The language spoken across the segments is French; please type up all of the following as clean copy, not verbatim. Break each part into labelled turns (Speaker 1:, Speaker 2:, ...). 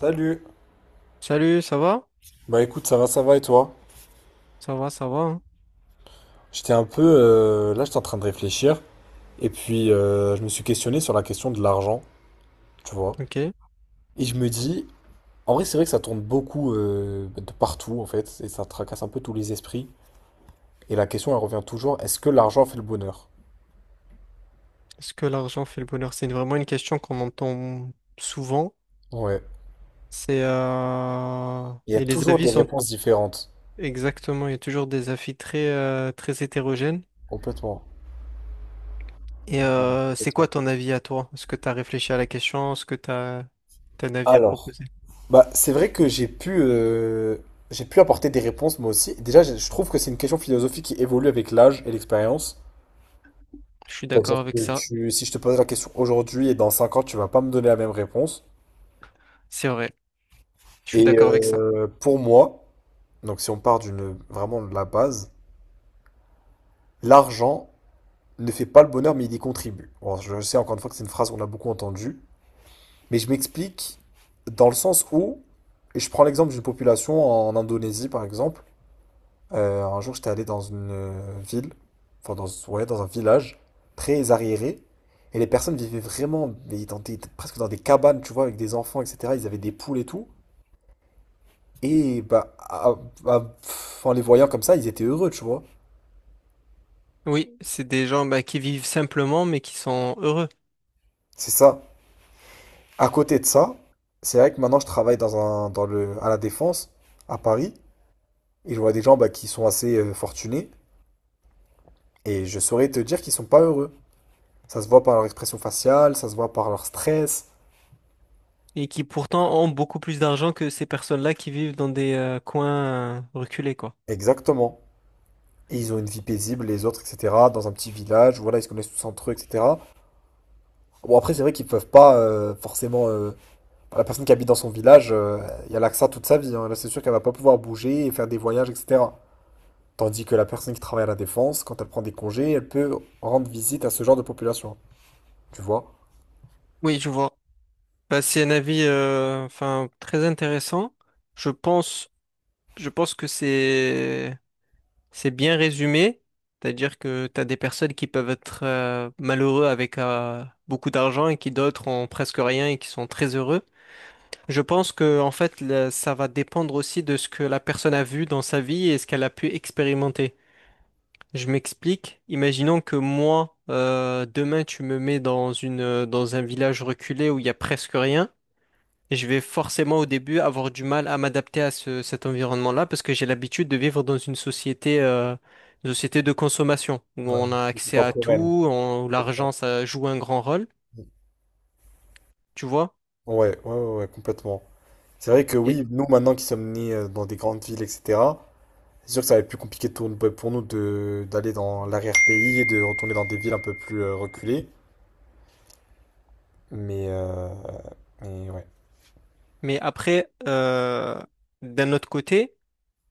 Speaker 1: Salut.
Speaker 2: Salut, ça va?
Speaker 1: Bah écoute, ça va et toi?
Speaker 2: Ça va, ça va, hein.
Speaker 1: J'étais un peu là, j'étais en train de réfléchir et puis je me suis questionné sur la question de l'argent, tu vois.
Speaker 2: Ok. Est-ce
Speaker 1: Et je me dis, en vrai, c'est vrai que ça tourne beaucoup de partout en fait et ça tracasse un peu tous les esprits. Et la question, elle revient toujours, est-ce que l'argent fait le bonheur?
Speaker 2: que l'argent fait le bonheur? C'est vraiment une question qu'on entend souvent.
Speaker 1: Ouais.
Speaker 2: C'est,
Speaker 1: Il y a
Speaker 2: et les
Speaker 1: toujours
Speaker 2: avis
Speaker 1: des
Speaker 2: sont
Speaker 1: réponses différentes.
Speaker 2: exactement. Il y a toujours des avis très, très hétérogènes.
Speaker 1: Complètement. Ouais,
Speaker 2: C'est quoi
Speaker 1: complètement.
Speaker 2: ton avis à toi? Est-ce que tu as réfléchi à la question? Est-ce que tu as un avis à
Speaker 1: Alors,
Speaker 2: proposer?
Speaker 1: bah c'est vrai que j'ai pu apporter des réponses moi aussi. Déjà, je trouve que c'est une question philosophique qui évolue avec l'âge et l'expérience.
Speaker 2: Je suis
Speaker 1: C'est-à-dire
Speaker 2: d'accord avec
Speaker 1: que
Speaker 2: ça.
Speaker 1: tu, si je te pose la question aujourd'hui et dans 5 ans, tu vas pas me donner la même réponse.
Speaker 2: C'est vrai. Je suis
Speaker 1: Et
Speaker 2: d'accord avec ça.
Speaker 1: pour moi, donc si on part d'une vraiment de la base, l'argent ne fait pas le bonheur, mais il y contribue. Bon, je sais encore une fois que c'est une phrase qu'on a beaucoup entendue, mais je m'explique dans le sens où, et je prends l'exemple d'une population en Indonésie par exemple. Un jour, j'étais allé dans une ville, enfin dans, ouais, dans un village très arriéré, et les personnes vivaient vraiment mais presque dans des cabanes, tu vois, avec des enfants, etc. Ils avaient des poules et tout, et bah, en les voyant comme ça, ils étaient heureux, tu vois.
Speaker 2: Oui, c'est des gens, bah, qui vivent simplement mais qui sont heureux.
Speaker 1: C'est ça. À côté de ça, c'est vrai que maintenant, je travaille dans un, dans le, à la Défense, à Paris, et je vois des gens bah, qui sont assez fortunés, et je saurais te dire qu'ils sont pas heureux. Ça se voit par leur expression faciale, ça se voit par leur stress.
Speaker 2: Et qui pourtant ont beaucoup plus d'argent que ces personnes-là qui vivent dans des, coins reculés, quoi.
Speaker 1: Exactement. Et ils ont une vie paisible, les autres, etc. Dans un petit village, voilà, ils se connaissent tous entre eux, etc. Bon, après, c'est vrai qu'ils peuvent pas forcément. La personne qui habite dans son village, il y a là que ça toute sa vie, hein. Là, c'est sûr qu'elle va pas pouvoir bouger et faire des voyages, etc. Tandis que la personne qui travaille à la Défense, quand elle prend des congés, elle peut rendre visite à ce genre de population. Tu vois?
Speaker 2: Oui, je vois. Bah, c'est un avis, enfin très intéressant. Je pense je pense que c'est bien résumé, c'est-à-dire que tu as des personnes qui peuvent être, malheureux avec, beaucoup d'argent et qui d'autres ont presque rien et qui sont très heureux. Je pense que en fait ça va dépendre aussi de ce que la personne a vu dans sa vie et ce qu'elle a pu expérimenter. Je m'explique. Imaginons que moi, demain, tu me mets dans une, dans un village reculé où il y a presque rien. Je vais forcément au début avoir du mal à m'adapter à cet environnement-là parce que j'ai l'habitude de vivre dans une société de consommation où
Speaker 1: Ouais,
Speaker 2: on a
Speaker 1: c'est
Speaker 2: accès à
Speaker 1: contemporaine.
Speaker 2: tout, où l'argent, ça joue un grand rôle,
Speaker 1: Ouais,
Speaker 2: tu vois.
Speaker 1: ouais, ouais, ouais, complètement. C'est vrai que
Speaker 2: Et-
Speaker 1: oui, nous maintenant qui sommes nés dans des grandes villes, etc. C'est sûr que ça va être plus compliqué pour nous de d'aller dans l'arrière-pays et de retourner dans des villes un peu plus reculées. Mais, euh, mais ouais.
Speaker 2: mais après, d'un autre côté,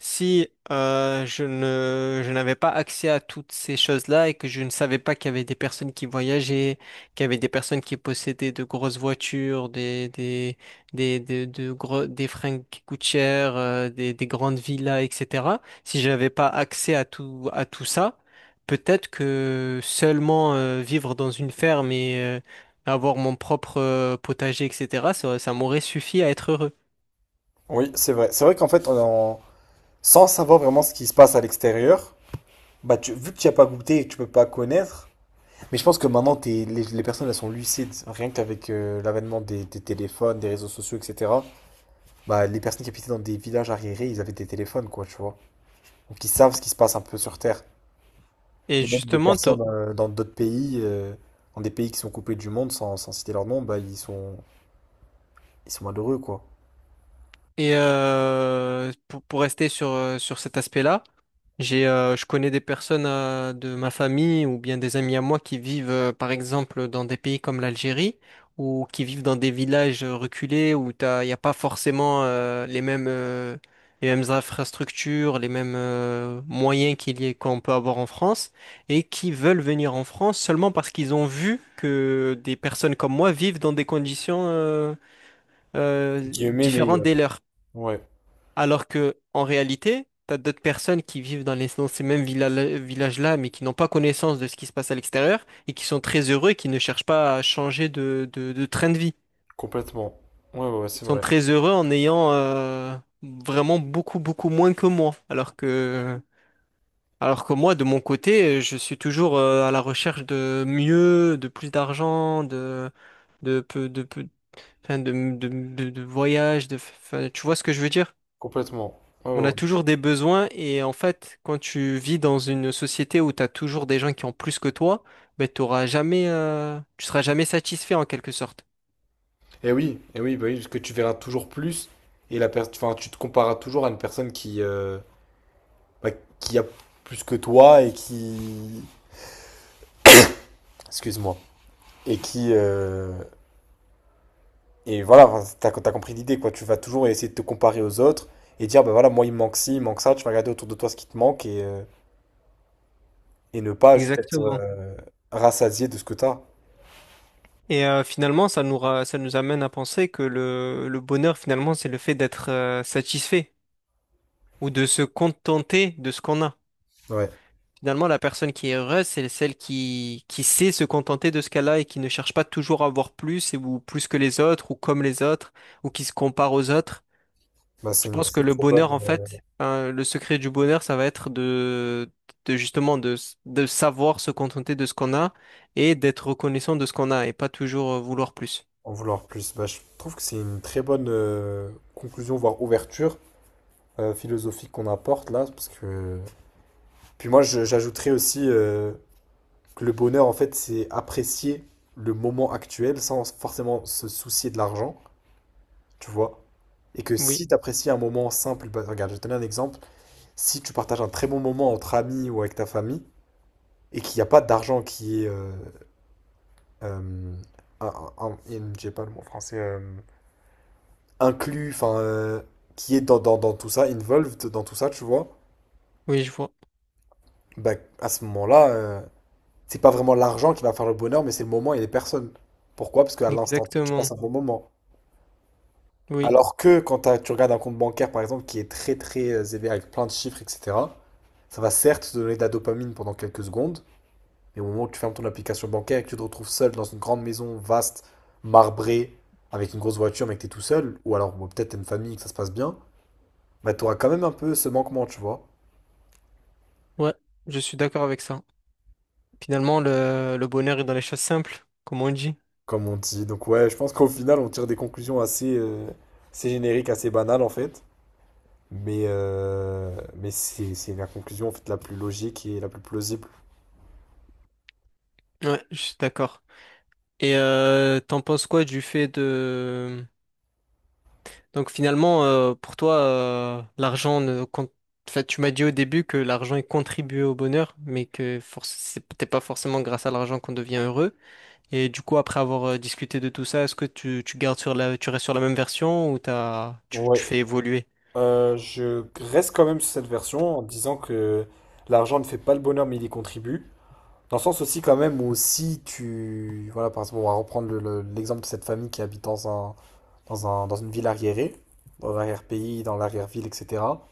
Speaker 2: si je n'avais pas accès à toutes ces choses-là et que je ne savais pas qu'il y avait des personnes qui voyageaient, qu'il y avait des personnes qui possédaient de grosses voitures, de gros, des fringues qui coûtent cher, des grandes villas, etc. Si je n'avais pas accès à tout ça, peut-être que seulement vivre dans une ferme et avoir mon propre potager, etc., ça m'aurait suffi à être heureux.
Speaker 1: Oui, c'est vrai. C'est vrai qu'en fait, sans savoir vraiment ce qui se passe à l'extérieur, bah vu que tu n'y as pas goûté et que tu peux pas connaître, mais je pense que maintenant les personnes elles sont lucides, rien qu'avec l'avènement des téléphones, des réseaux sociaux, etc. Bah les personnes qui habitaient dans des villages arriérés, ils avaient des téléphones, quoi, tu vois. Donc ils savent ce qui se passe un peu sur Terre.
Speaker 2: Et
Speaker 1: Et même des
Speaker 2: justement, toi,
Speaker 1: personnes dans d'autres pays, dans des pays qui sont coupés du monde, sans citer leur nom, bah ils sont malheureux, quoi.
Speaker 2: et pour rester sur, sur cet aspect-là, j'ai, je connais des personnes de ma famille ou bien des amis à moi qui vivent, par exemple, dans des pays comme l'Algérie ou qui vivent dans des villages reculés où il n'y a pas forcément les mêmes infrastructures, les mêmes moyens qu'on peut avoir en France et qui veulent venir en France seulement parce qu'ils ont vu que des personnes comme moi vivent dans des conditions
Speaker 1: Et qui Guillemets
Speaker 2: différentes
Speaker 1: meilleur.
Speaker 2: des leurs.
Speaker 1: Ouais,
Speaker 2: Alors que, en réalité, t'as d'autres personnes qui vivent dans ces mêmes villages-là, mais qui n'ont pas connaissance de ce qui se passe à l'extérieur et qui sont très heureux et qui ne cherchent pas à changer de, de train de vie.
Speaker 1: complètement. Ouais, ouais, ouais,
Speaker 2: Ils
Speaker 1: c'est
Speaker 2: sont
Speaker 1: vrai.
Speaker 2: très heureux en ayant vraiment beaucoup, beaucoup moins que moi. Alors que moi, de mon côté, je suis toujours à la recherche de mieux, de plus d'argent, de, de, peu- de, peu- enfin, de voyages, de, enfin, tu vois ce que je veux dire?
Speaker 1: Complètement. Ouais,
Speaker 2: On
Speaker 1: ouais,
Speaker 2: a
Speaker 1: ouais.
Speaker 2: toujours des besoins et en fait, quand tu vis dans une société où tu as toujours des gens qui ont plus que toi, ben, t'auras jamais, tu seras jamais satisfait en quelque sorte.
Speaker 1: Et oui, bah oui, parce que tu verras toujours plus et la personne, enfin, tu te compareras toujours à une personne qui, bah, qui a plus que toi et qui, excuse-moi, et qui, euh, Et voilà, enfin, t'as compris l'idée, quoi. Tu vas toujours essayer de te comparer aux autres et dire, bah voilà, moi, il me manque ci, il me manque ça. Tu vas regarder autour de toi ce qui te manque et ne pas juste être
Speaker 2: Exactement.
Speaker 1: rassasié de ce que t'as.
Speaker 2: Et finalement, ça nous amène à penser que le bonheur, finalement, c'est le fait d'être satisfait ou de se contenter de ce qu'on a.
Speaker 1: Ouais.
Speaker 2: Finalement, la personne qui est heureuse, c'est celle qui sait se contenter de ce qu'elle a et qui ne cherche pas toujours à avoir plus ou plus que les autres ou comme les autres ou qui se compare aux autres.
Speaker 1: Bah,
Speaker 2: Je
Speaker 1: c'est une
Speaker 2: pense que
Speaker 1: très
Speaker 2: le
Speaker 1: très bonne.
Speaker 2: bonheur, en fait, hein, le secret du bonheur, ça va être de justement de, de savoir se contenter de ce qu'on a et d'être reconnaissant de ce qu'on a et pas toujours vouloir plus.
Speaker 1: En vouloir plus. Bah, je trouve que c'est une très bonne conclusion, voire ouverture philosophique qu'on apporte là. Parce que... Puis moi, j'ajouterais aussi que le bonheur, en fait, c'est apprécier le moment actuel sans forcément se soucier de l'argent, tu vois. Et que
Speaker 2: Oui,
Speaker 1: si tu apprécies un moment simple, bah, regarde, je vais te donner un exemple. Si tu partages un très bon moment entre amis ou avec ta famille et qu'il n'y a pas d'argent qui est. Euh, j'ai pas le mot français. Inclus, enfin. Qui est dans tout ça, involved dans tout ça, tu vois.
Speaker 2: oui, je vois.
Speaker 1: Bah, à ce moment-là, c'est pas vraiment l'argent qui va faire le bonheur, mais c'est le moment et les personnes. Pourquoi? Parce qu'à l'instant T, tu passes
Speaker 2: Exactement.
Speaker 1: un bon moment.
Speaker 2: Oui,
Speaker 1: Alors que quand tu regardes un compte bancaire, par exemple, qui est très très élevé avec plein de chiffres, etc. Ça va certes te donner de la dopamine pendant quelques secondes, mais au moment où tu fermes ton application bancaire et que tu te retrouves seul dans une grande maison vaste, marbrée, avec une grosse voiture, mais que tu es tout seul, ou alors bon, peut-être t'as une famille, et que ça se passe bien, bah tu auras quand même un peu ce manquement, tu vois,
Speaker 2: ouais, je suis d'accord avec ça. Finalement, le bonheur est dans les choses simples, comme on dit.
Speaker 1: comme on dit. Donc ouais, je pense qu'au final, on tire des conclusions assez génériques, assez banales en fait. Mais c'est la conclusion en fait la plus logique et la plus plausible.
Speaker 2: Ouais, je suis d'accord. Et t'en penses quoi du fait de donc finalement, pour toi, l'argent ne compte... Enfin, tu m'as dit au début que l'argent il contribue au bonheur, mais que c'est peut-être pas forcément grâce à l'argent qu'on devient heureux. Et du coup, après avoir discuté de tout ça, est-ce que tu gardes sur la, tu restes sur la même version ou t'as, tu,
Speaker 1: Ouais.
Speaker 2: tu fais évoluer?
Speaker 1: Je reste quand même sur cette version en disant que l'argent ne fait pas le bonheur mais il y contribue. Dans le sens aussi quand même où si tu... Voilà, par exemple, on va reprendre l'exemple de cette famille qui habite dans une ville arriérée, dans l'arrière-pays, dans l'arrière-ville, etc.,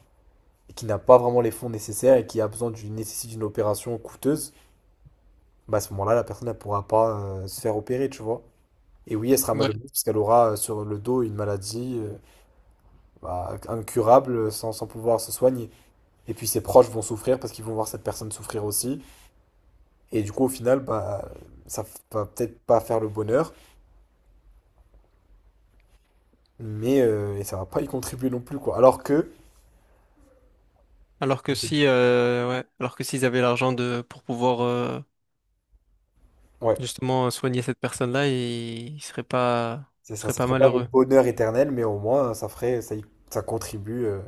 Speaker 1: et qui n'a pas vraiment les fonds nécessaires et qui a besoin nécessite d'une opération coûteuse, bah à ce moment-là, la personne ne pourra pas se faire opérer, tu vois. Et oui, elle sera
Speaker 2: Ouais.
Speaker 1: malheureuse parce qu'elle aura sur le dos une maladie bah, incurable sans pouvoir se soigner. Et puis ses proches vont souffrir parce qu'ils vont voir cette personne souffrir aussi. Et du coup, au final, bah, ça va peut-être pas faire le bonheur. Mais et ça va pas y contribuer non plus, quoi. Alors que,
Speaker 2: Alors que
Speaker 1: OK,
Speaker 2: si, ouais, alors que s'ils avaient l'argent de pour pouvoir
Speaker 1: ouais,
Speaker 2: justement soigner cette personne-là,
Speaker 1: c'est
Speaker 2: ils
Speaker 1: ça,
Speaker 2: seraient
Speaker 1: ça
Speaker 2: pas
Speaker 1: serait pas le
Speaker 2: malheureux.
Speaker 1: bonheur éternel, mais au moins ça ferait, ça contribue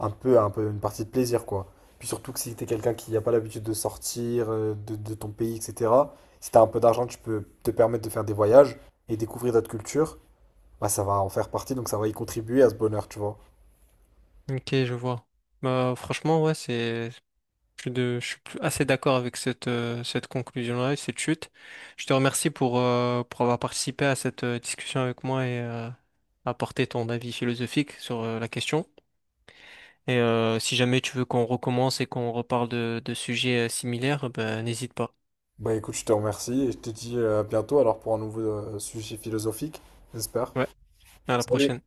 Speaker 1: un peu à un peu une partie de plaisir, quoi. Puis surtout que si t'es quelqu'un qui n'a pas l'habitude de sortir de ton pays, etc., si t'as un peu d'argent, tu peux te permettre de faire des voyages et découvrir d'autres cultures, bah ça va en faire partie, donc ça va y contribuer à ce bonheur, tu vois.
Speaker 2: Ok, je vois. Bah franchement, ouais, c'est. Je suis, assez d'accord avec cette, cette conclusion-là et cette chute. Je te remercie pour avoir participé à cette discussion avec moi et apporter ton avis philosophique sur la question. Et si jamais tu veux qu'on recommence et qu'on reparle de sujets similaires, ben, n'hésite pas.
Speaker 1: Bah écoute, je te remercie et je te dis à bientôt alors pour un nouveau sujet philosophique, j'espère.
Speaker 2: Ouais, à la
Speaker 1: Salut!
Speaker 2: prochaine.